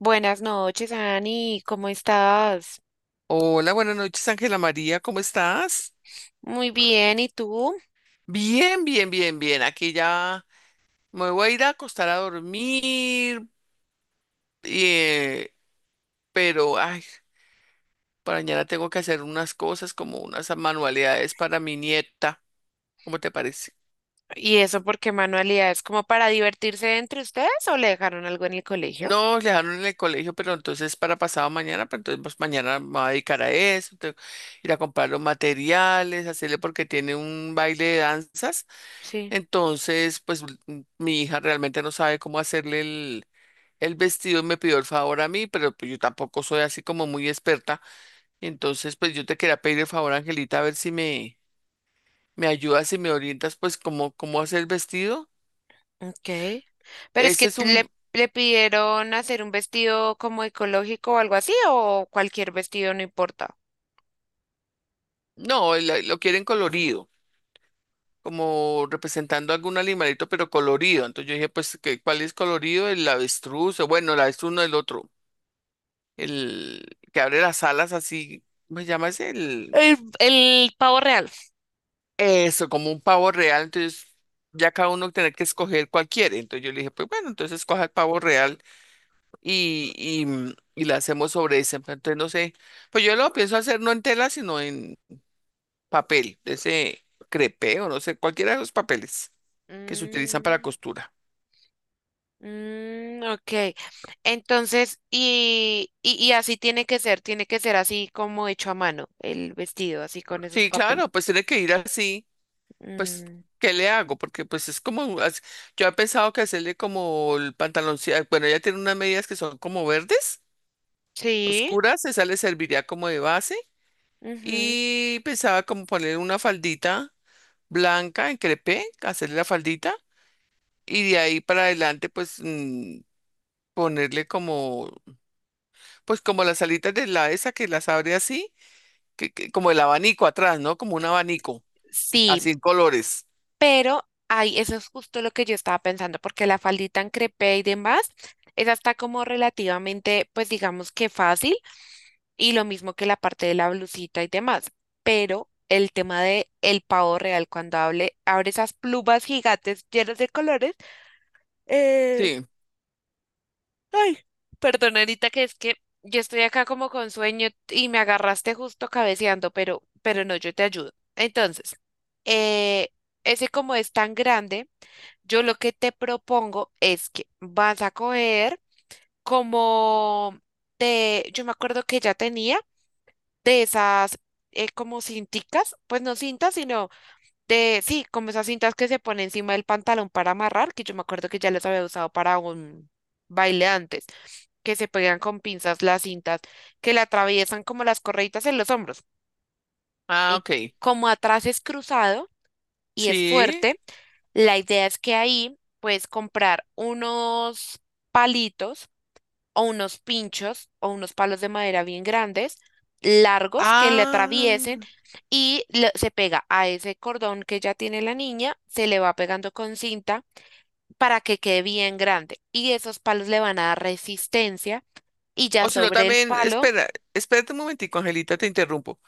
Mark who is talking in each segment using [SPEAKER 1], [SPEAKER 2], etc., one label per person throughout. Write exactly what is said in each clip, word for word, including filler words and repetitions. [SPEAKER 1] Buenas noches, Ani, ¿cómo estás?
[SPEAKER 2] Hola, buenas noches, Ángela María, ¿cómo estás?
[SPEAKER 1] Muy bien, ¿y tú?
[SPEAKER 2] Bien, bien, bien, bien. Aquí ya me voy a ir a acostar a dormir, eh, pero ay, para mañana tengo que hacer unas cosas como unas manualidades para mi nieta. ¿Cómo te parece?
[SPEAKER 1] ¿Y eso por qué manualidades? ¿Como para divertirse entre ustedes o le dejaron algo en el colegio?
[SPEAKER 2] No, le dejaron en el colegio, pero entonces para pasado mañana, pero entonces pues, mañana me voy a dedicar a eso, tengo que ir a comprar los materiales, hacerle porque tiene un baile de danzas.
[SPEAKER 1] Sí,
[SPEAKER 2] Entonces, pues mm, mi hija realmente no sabe cómo hacerle el vestido, me pidió el favor a mí, pero pues yo tampoco soy así como muy experta. Entonces, pues yo te quería pedir el favor, Angelita, a ver si me, me ayudas y me orientas, pues, cómo, cómo hacer el vestido.
[SPEAKER 1] ok. Pero es
[SPEAKER 2] Ese
[SPEAKER 1] que
[SPEAKER 2] es un,
[SPEAKER 1] le, le pidieron hacer un vestido como ecológico o algo así, o cualquier vestido no importa.
[SPEAKER 2] no, el- lo quieren colorido, como representando algún animalito, pero colorido. Entonces yo dije, pues, ¿qué- ¿cuál es colorido? El avestruz, o bueno, el avestruz no, el otro, el que abre las alas así, ¿cómo se llama ese? El...
[SPEAKER 1] El, el pavo real.
[SPEAKER 2] Eso, como un pavo real, entonces ya cada uno tiene que escoger cuál quiere. Entonces yo le dije, pues bueno, entonces escoja el pavo real y, y, mm, y la hacemos sobre ese. Pero entonces no sé, pues yo lo pienso hacer no en tela, sino en papel, de ese crepé o no sé, cualquiera de los papeles que se utilizan para
[SPEAKER 1] Mm.
[SPEAKER 2] costura.
[SPEAKER 1] Mm, ok. Entonces, y, y, y así tiene que ser, tiene que ser así como hecho a mano, el vestido, así con esos
[SPEAKER 2] Sí,
[SPEAKER 1] papeles.
[SPEAKER 2] claro, pues tiene que ir así, pues,
[SPEAKER 1] Mm,
[SPEAKER 2] ¿qué le hago? Porque pues es como, as- yo he pensado que hacerle como el pantaloncillo, bueno, ella tiene unas medidas que son como verdes,
[SPEAKER 1] sí.
[SPEAKER 2] oscuras, esa le serviría como de base,
[SPEAKER 1] Ujú.
[SPEAKER 2] y pensaba como poner una faldita blanca en crepé, hacerle la faldita y de ahí para adelante pues mm, ponerle como, pues como las alitas de la esa que las abre así, que, que- como el abanico atrás, ¿no? Como un abanico,
[SPEAKER 1] Sí,
[SPEAKER 2] así en colores.
[SPEAKER 1] pero ay, eso es justo lo que yo estaba pensando, porque la faldita en crepé y demás, esa está como relativamente, pues digamos que fácil, y lo mismo que la parte de la blusita y demás, pero el tema de el pavo real, cuando hable, abre esas plumas gigantes llenas de colores. eh,
[SPEAKER 2] Sí.
[SPEAKER 1] Ay, perdón, Anita, que es que yo estoy acá como con sueño y me agarraste justo cabeceando, pero, pero no, yo te ayudo. Entonces, eh, ese como es tan grande, yo lo que te propongo es que vas a coger como de, yo me acuerdo que ya tenía de esas eh, como cinticas, pues no cintas, sino de, sí, como esas cintas que se pone encima del pantalón para amarrar, que yo me acuerdo que ya las había usado para un baile antes, que se pegan con pinzas las cintas, que le atraviesan como las correitas en los hombros.
[SPEAKER 2] Ah,
[SPEAKER 1] Y
[SPEAKER 2] ok.
[SPEAKER 1] como atrás es cruzado y es
[SPEAKER 2] Sí.
[SPEAKER 1] fuerte, la idea es que ahí puedes comprar unos palitos o unos pinchos o unos palos de madera bien grandes, largos, que le atraviesen
[SPEAKER 2] Ah.
[SPEAKER 1] y le- se pega a ese cordón que ya tiene la niña, se le va pegando con cinta para que quede bien grande. Y esos palos le van a dar resistencia y ya
[SPEAKER 2] O si no
[SPEAKER 1] sobre el
[SPEAKER 2] también,
[SPEAKER 1] palo,
[SPEAKER 2] espera, espérate un momentico, Angelita, te interrumpo.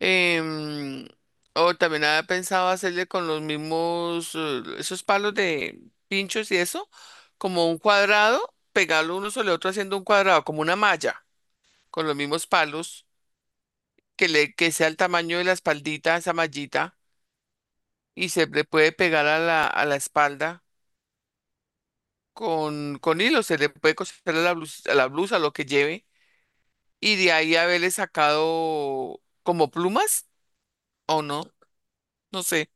[SPEAKER 2] Em, o también había pensado hacerle con los mismos, eh, esos palos de pinchos y eso, como un cuadrado, pegarlo uno sobre otro haciendo un cuadrado, como una malla, con los mismos palos, que le, que sea el tamaño de la espaldita, esa mallita, y se le puede pegar a la, a la espalda con, con hilo, se le puede coser a la blusa, a la blusa, lo que lleve, y de ahí haberle sacado como plumas, o no, no sé.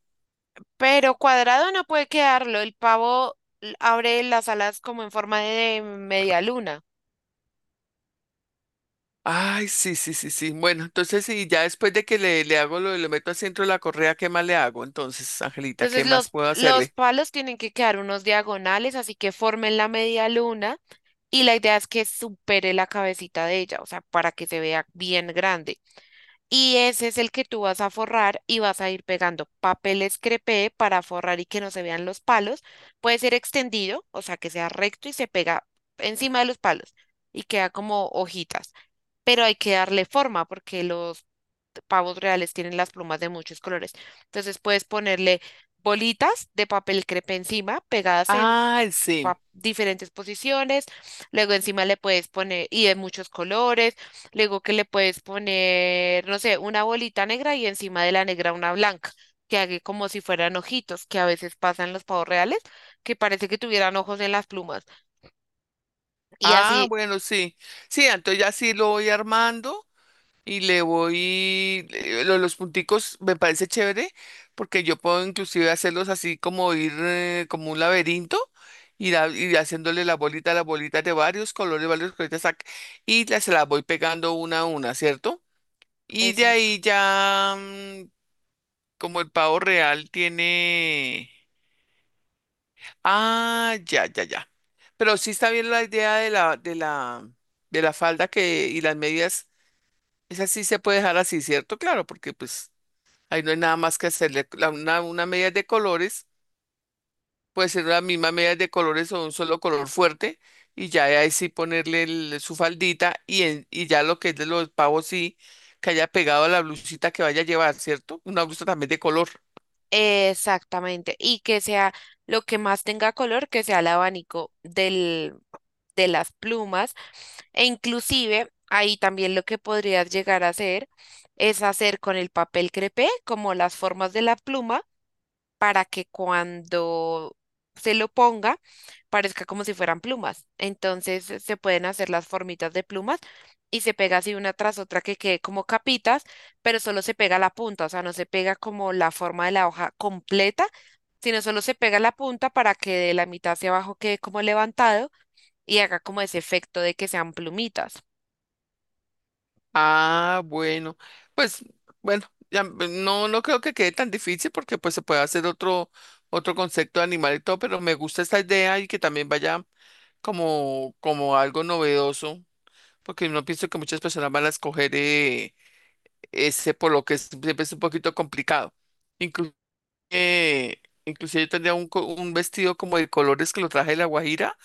[SPEAKER 1] pero cuadrado no puede quedarlo, el pavo l- abre las alas como en forma de media luna.
[SPEAKER 2] Ay, sí, sí, sí, sí. Bueno, entonces sí, ya después de que le, le hago lo, le meto al centro de la correa, ¿qué más le hago? Entonces, Angelita, ¿qué
[SPEAKER 1] Entonces
[SPEAKER 2] más
[SPEAKER 1] los,
[SPEAKER 2] puedo
[SPEAKER 1] los
[SPEAKER 2] hacerle?
[SPEAKER 1] palos tienen que quedar unos diagonales, así que formen la media luna. Y la idea es que supere la cabecita de ella, o sea, para que se vea bien grande. Y ese es el que tú vas a forrar y vas a ir pegando papel crepé para forrar y que no se vean los palos. Puede ser extendido, o sea, que sea recto y se pega encima de los palos y queda como hojitas. Pero hay que darle forma porque los pavos reales tienen las plumas de muchos colores. Entonces puedes ponerle bolitas de papel crepé encima, pegadas en
[SPEAKER 2] Ay, sí.
[SPEAKER 1] pa- diferentes posiciones, luego encima le puedes poner, y de muchos colores, luego que le puedes poner, no sé, una bolita negra y encima de la negra una blanca, que haga como si fueran ojitos, que a veces pasan los pavos reales, que parece que tuvieran ojos en las plumas. Y
[SPEAKER 2] Ah,
[SPEAKER 1] así,
[SPEAKER 2] bueno, sí. Sí, entonces ya sí lo voy armando y le voy, le- lo- los punticos me parece chévere porque yo puedo inclusive hacerlos así como ir eh, como un laberinto. Ir, a- ir haciéndole la bolita a las bolitas de varios colores, varios colores, sac- y las, se las voy pegando una a una, ¿cierto? Y de
[SPEAKER 1] exacto.
[SPEAKER 2] ahí ya, mm, como el pavo real tiene... Ah, ya, ya, ya. Pero sí está bien la idea de la, de la, de la falda que, y las medias, esa sí se puede dejar así, ¿cierto? Claro, porque pues ahí no hay nada más que hacerle. La- una, una media de colores, puede ser la misma media de colores o un solo color fuerte, y ya ahí sí ponerle el- su faldita y, en- y ya lo que es de los pavos sí, que haya pegado a la blusita que vaya a llevar, ¿cierto? Una blusa también de color.
[SPEAKER 1] Exactamente, y que sea lo que más tenga color, que sea el abanico del, de las plumas, e inclusive ahí también lo que podrías llegar a hacer es hacer con el papel crepé como las formas de la pluma, para que cuando se lo ponga parezca como si fueran plumas. Entonces se pueden hacer las formitas de plumas y se pega así una tras otra que quede como capitas, pero solo se pega la punta, o sea, no se pega como la forma de la hoja completa, sino solo se pega la punta para que de la mitad hacia abajo quede como levantado y haga como ese efecto de que sean plumitas.
[SPEAKER 2] Ah, bueno, pues bueno, ya, pues, no, no creo que quede tan difícil porque pues se puede hacer otro, otro concepto de animal y todo, pero me gusta esta idea y que también vaya como, como algo novedoso, porque no pienso que muchas personas van a escoger eh, ese por lo que es- siempre es un poquito complicado. Incluso, inclusive yo tendría un, co- un vestido como de colores que lo traje de La Guajira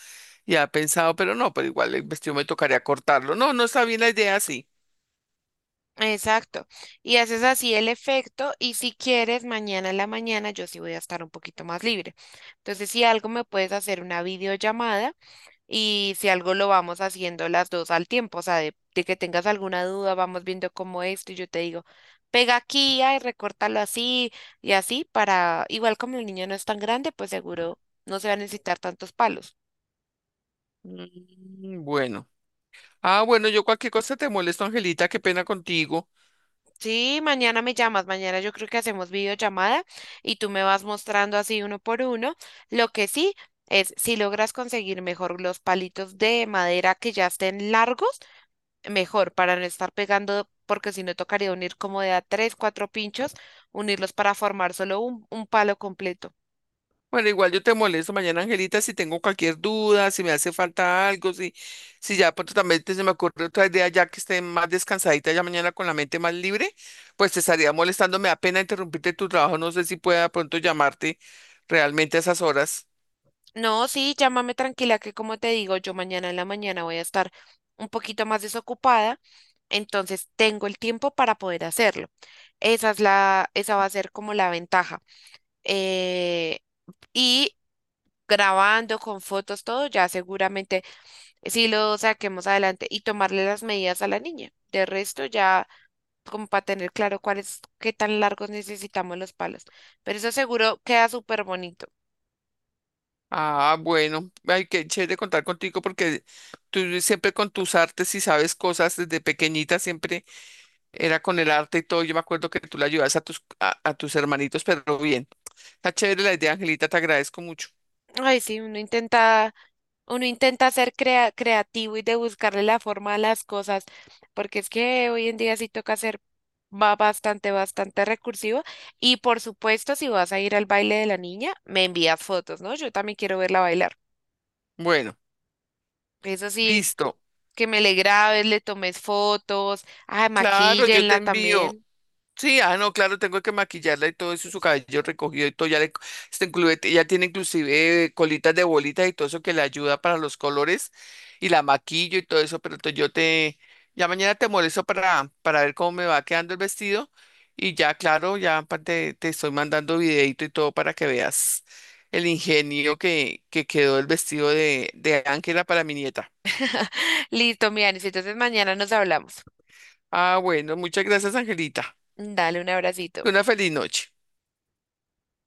[SPEAKER 2] y ha pensado, pero no, pero igual el vestido me tocaría cortarlo. No, no está bien la idea así.
[SPEAKER 1] Exacto. Y haces así el efecto y si quieres, mañana en la mañana yo sí voy a estar un poquito más libre. Entonces, si algo me puedes hacer una videollamada y si algo lo vamos haciendo las dos al tiempo, o sea, de, de que tengas alguna duda, vamos viendo cómo esto y yo te digo, pega aquí, ay, recórtalo así y así para, igual como el niño no es tan grande, pues seguro no se va a necesitar tantos palos.
[SPEAKER 2] Mm. Bueno. Ah, bueno, yo cualquier cosa te molesto, Angelita, qué pena contigo.
[SPEAKER 1] Sí, mañana me llamas, mañana yo creo que hacemos videollamada y tú me vas mostrando así uno por uno. Lo que sí es, si logras conseguir mejor los palitos de madera que ya estén largos, mejor para no estar pegando, porque si no tocaría unir como de a tres, cuatro pinchos, unirlos para formar solo un, un palo completo.
[SPEAKER 2] Bueno, igual yo te molesto mañana, Angelita, si tengo cualquier duda, si me hace falta algo, si, si ya pronto también te- se me ocurre otra idea ya que esté más descansadita ya mañana con la mente más libre, pues te estaría molestando, me da pena interrumpirte tu trabajo, no sé si pueda pronto llamarte realmente a esas horas.
[SPEAKER 1] No, sí, llámame tranquila que como te digo, yo mañana en la mañana voy a estar un poquito más desocupada, entonces tengo el tiempo para poder hacerlo. Esa es la, esa va a ser como la ventaja. Eh, y grabando con fotos, todo, ya seguramente sí lo saquemos adelante y tomarle las medidas a la niña. De resto, ya como para tener claro cuáles, qué tan largos necesitamos los palos. Pero eso seguro queda súper bonito.
[SPEAKER 2] Ah, bueno, ay, qué chévere contar contigo porque tú siempre con tus artes y sabes cosas desde pequeñita, siempre. Era con el arte y todo. Yo me acuerdo que tú le ayudas a tus, a, a tus hermanitos, pero bien. Está chévere la idea, Angelita, te agradezco mucho.
[SPEAKER 1] Ay, sí, uno intenta. Uno intenta ser crea- creativo y de buscarle la forma a las cosas, porque es que hoy en día sí toca ser, va bastante, bastante recursivo. Y por supuesto, si vas a ir al baile de la niña, me envías fotos, ¿no? Yo también quiero verla bailar.
[SPEAKER 2] Bueno,
[SPEAKER 1] Eso sí,
[SPEAKER 2] listo.
[SPEAKER 1] que me le grabes, le tomes fotos, ay,
[SPEAKER 2] Claro, yo te
[SPEAKER 1] maquíllenla
[SPEAKER 2] envío.
[SPEAKER 1] también.
[SPEAKER 2] Sí, ah, no, claro, tengo que maquillarla y todo eso, su cabello recogido y todo, ya le, está incluye- ya tiene inclusive eh, colitas de bolitas y todo eso que le ayuda para los colores y la maquillo y todo eso, pero entonces yo te, ya mañana te molesto para, para ver cómo me va quedando el vestido y ya, claro, ya pa- te, te estoy mandando videito y todo para que veas el ingenio que, que quedó el vestido de, de Ángela para mi nieta.
[SPEAKER 1] Listo, Mianis, entonces mañana nos hablamos.
[SPEAKER 2] Ah, bueno, muchas gracias, Angelita.
[SPEAKER 1] Dale un abracito.
[SPEAKER 2] Una feliz noche.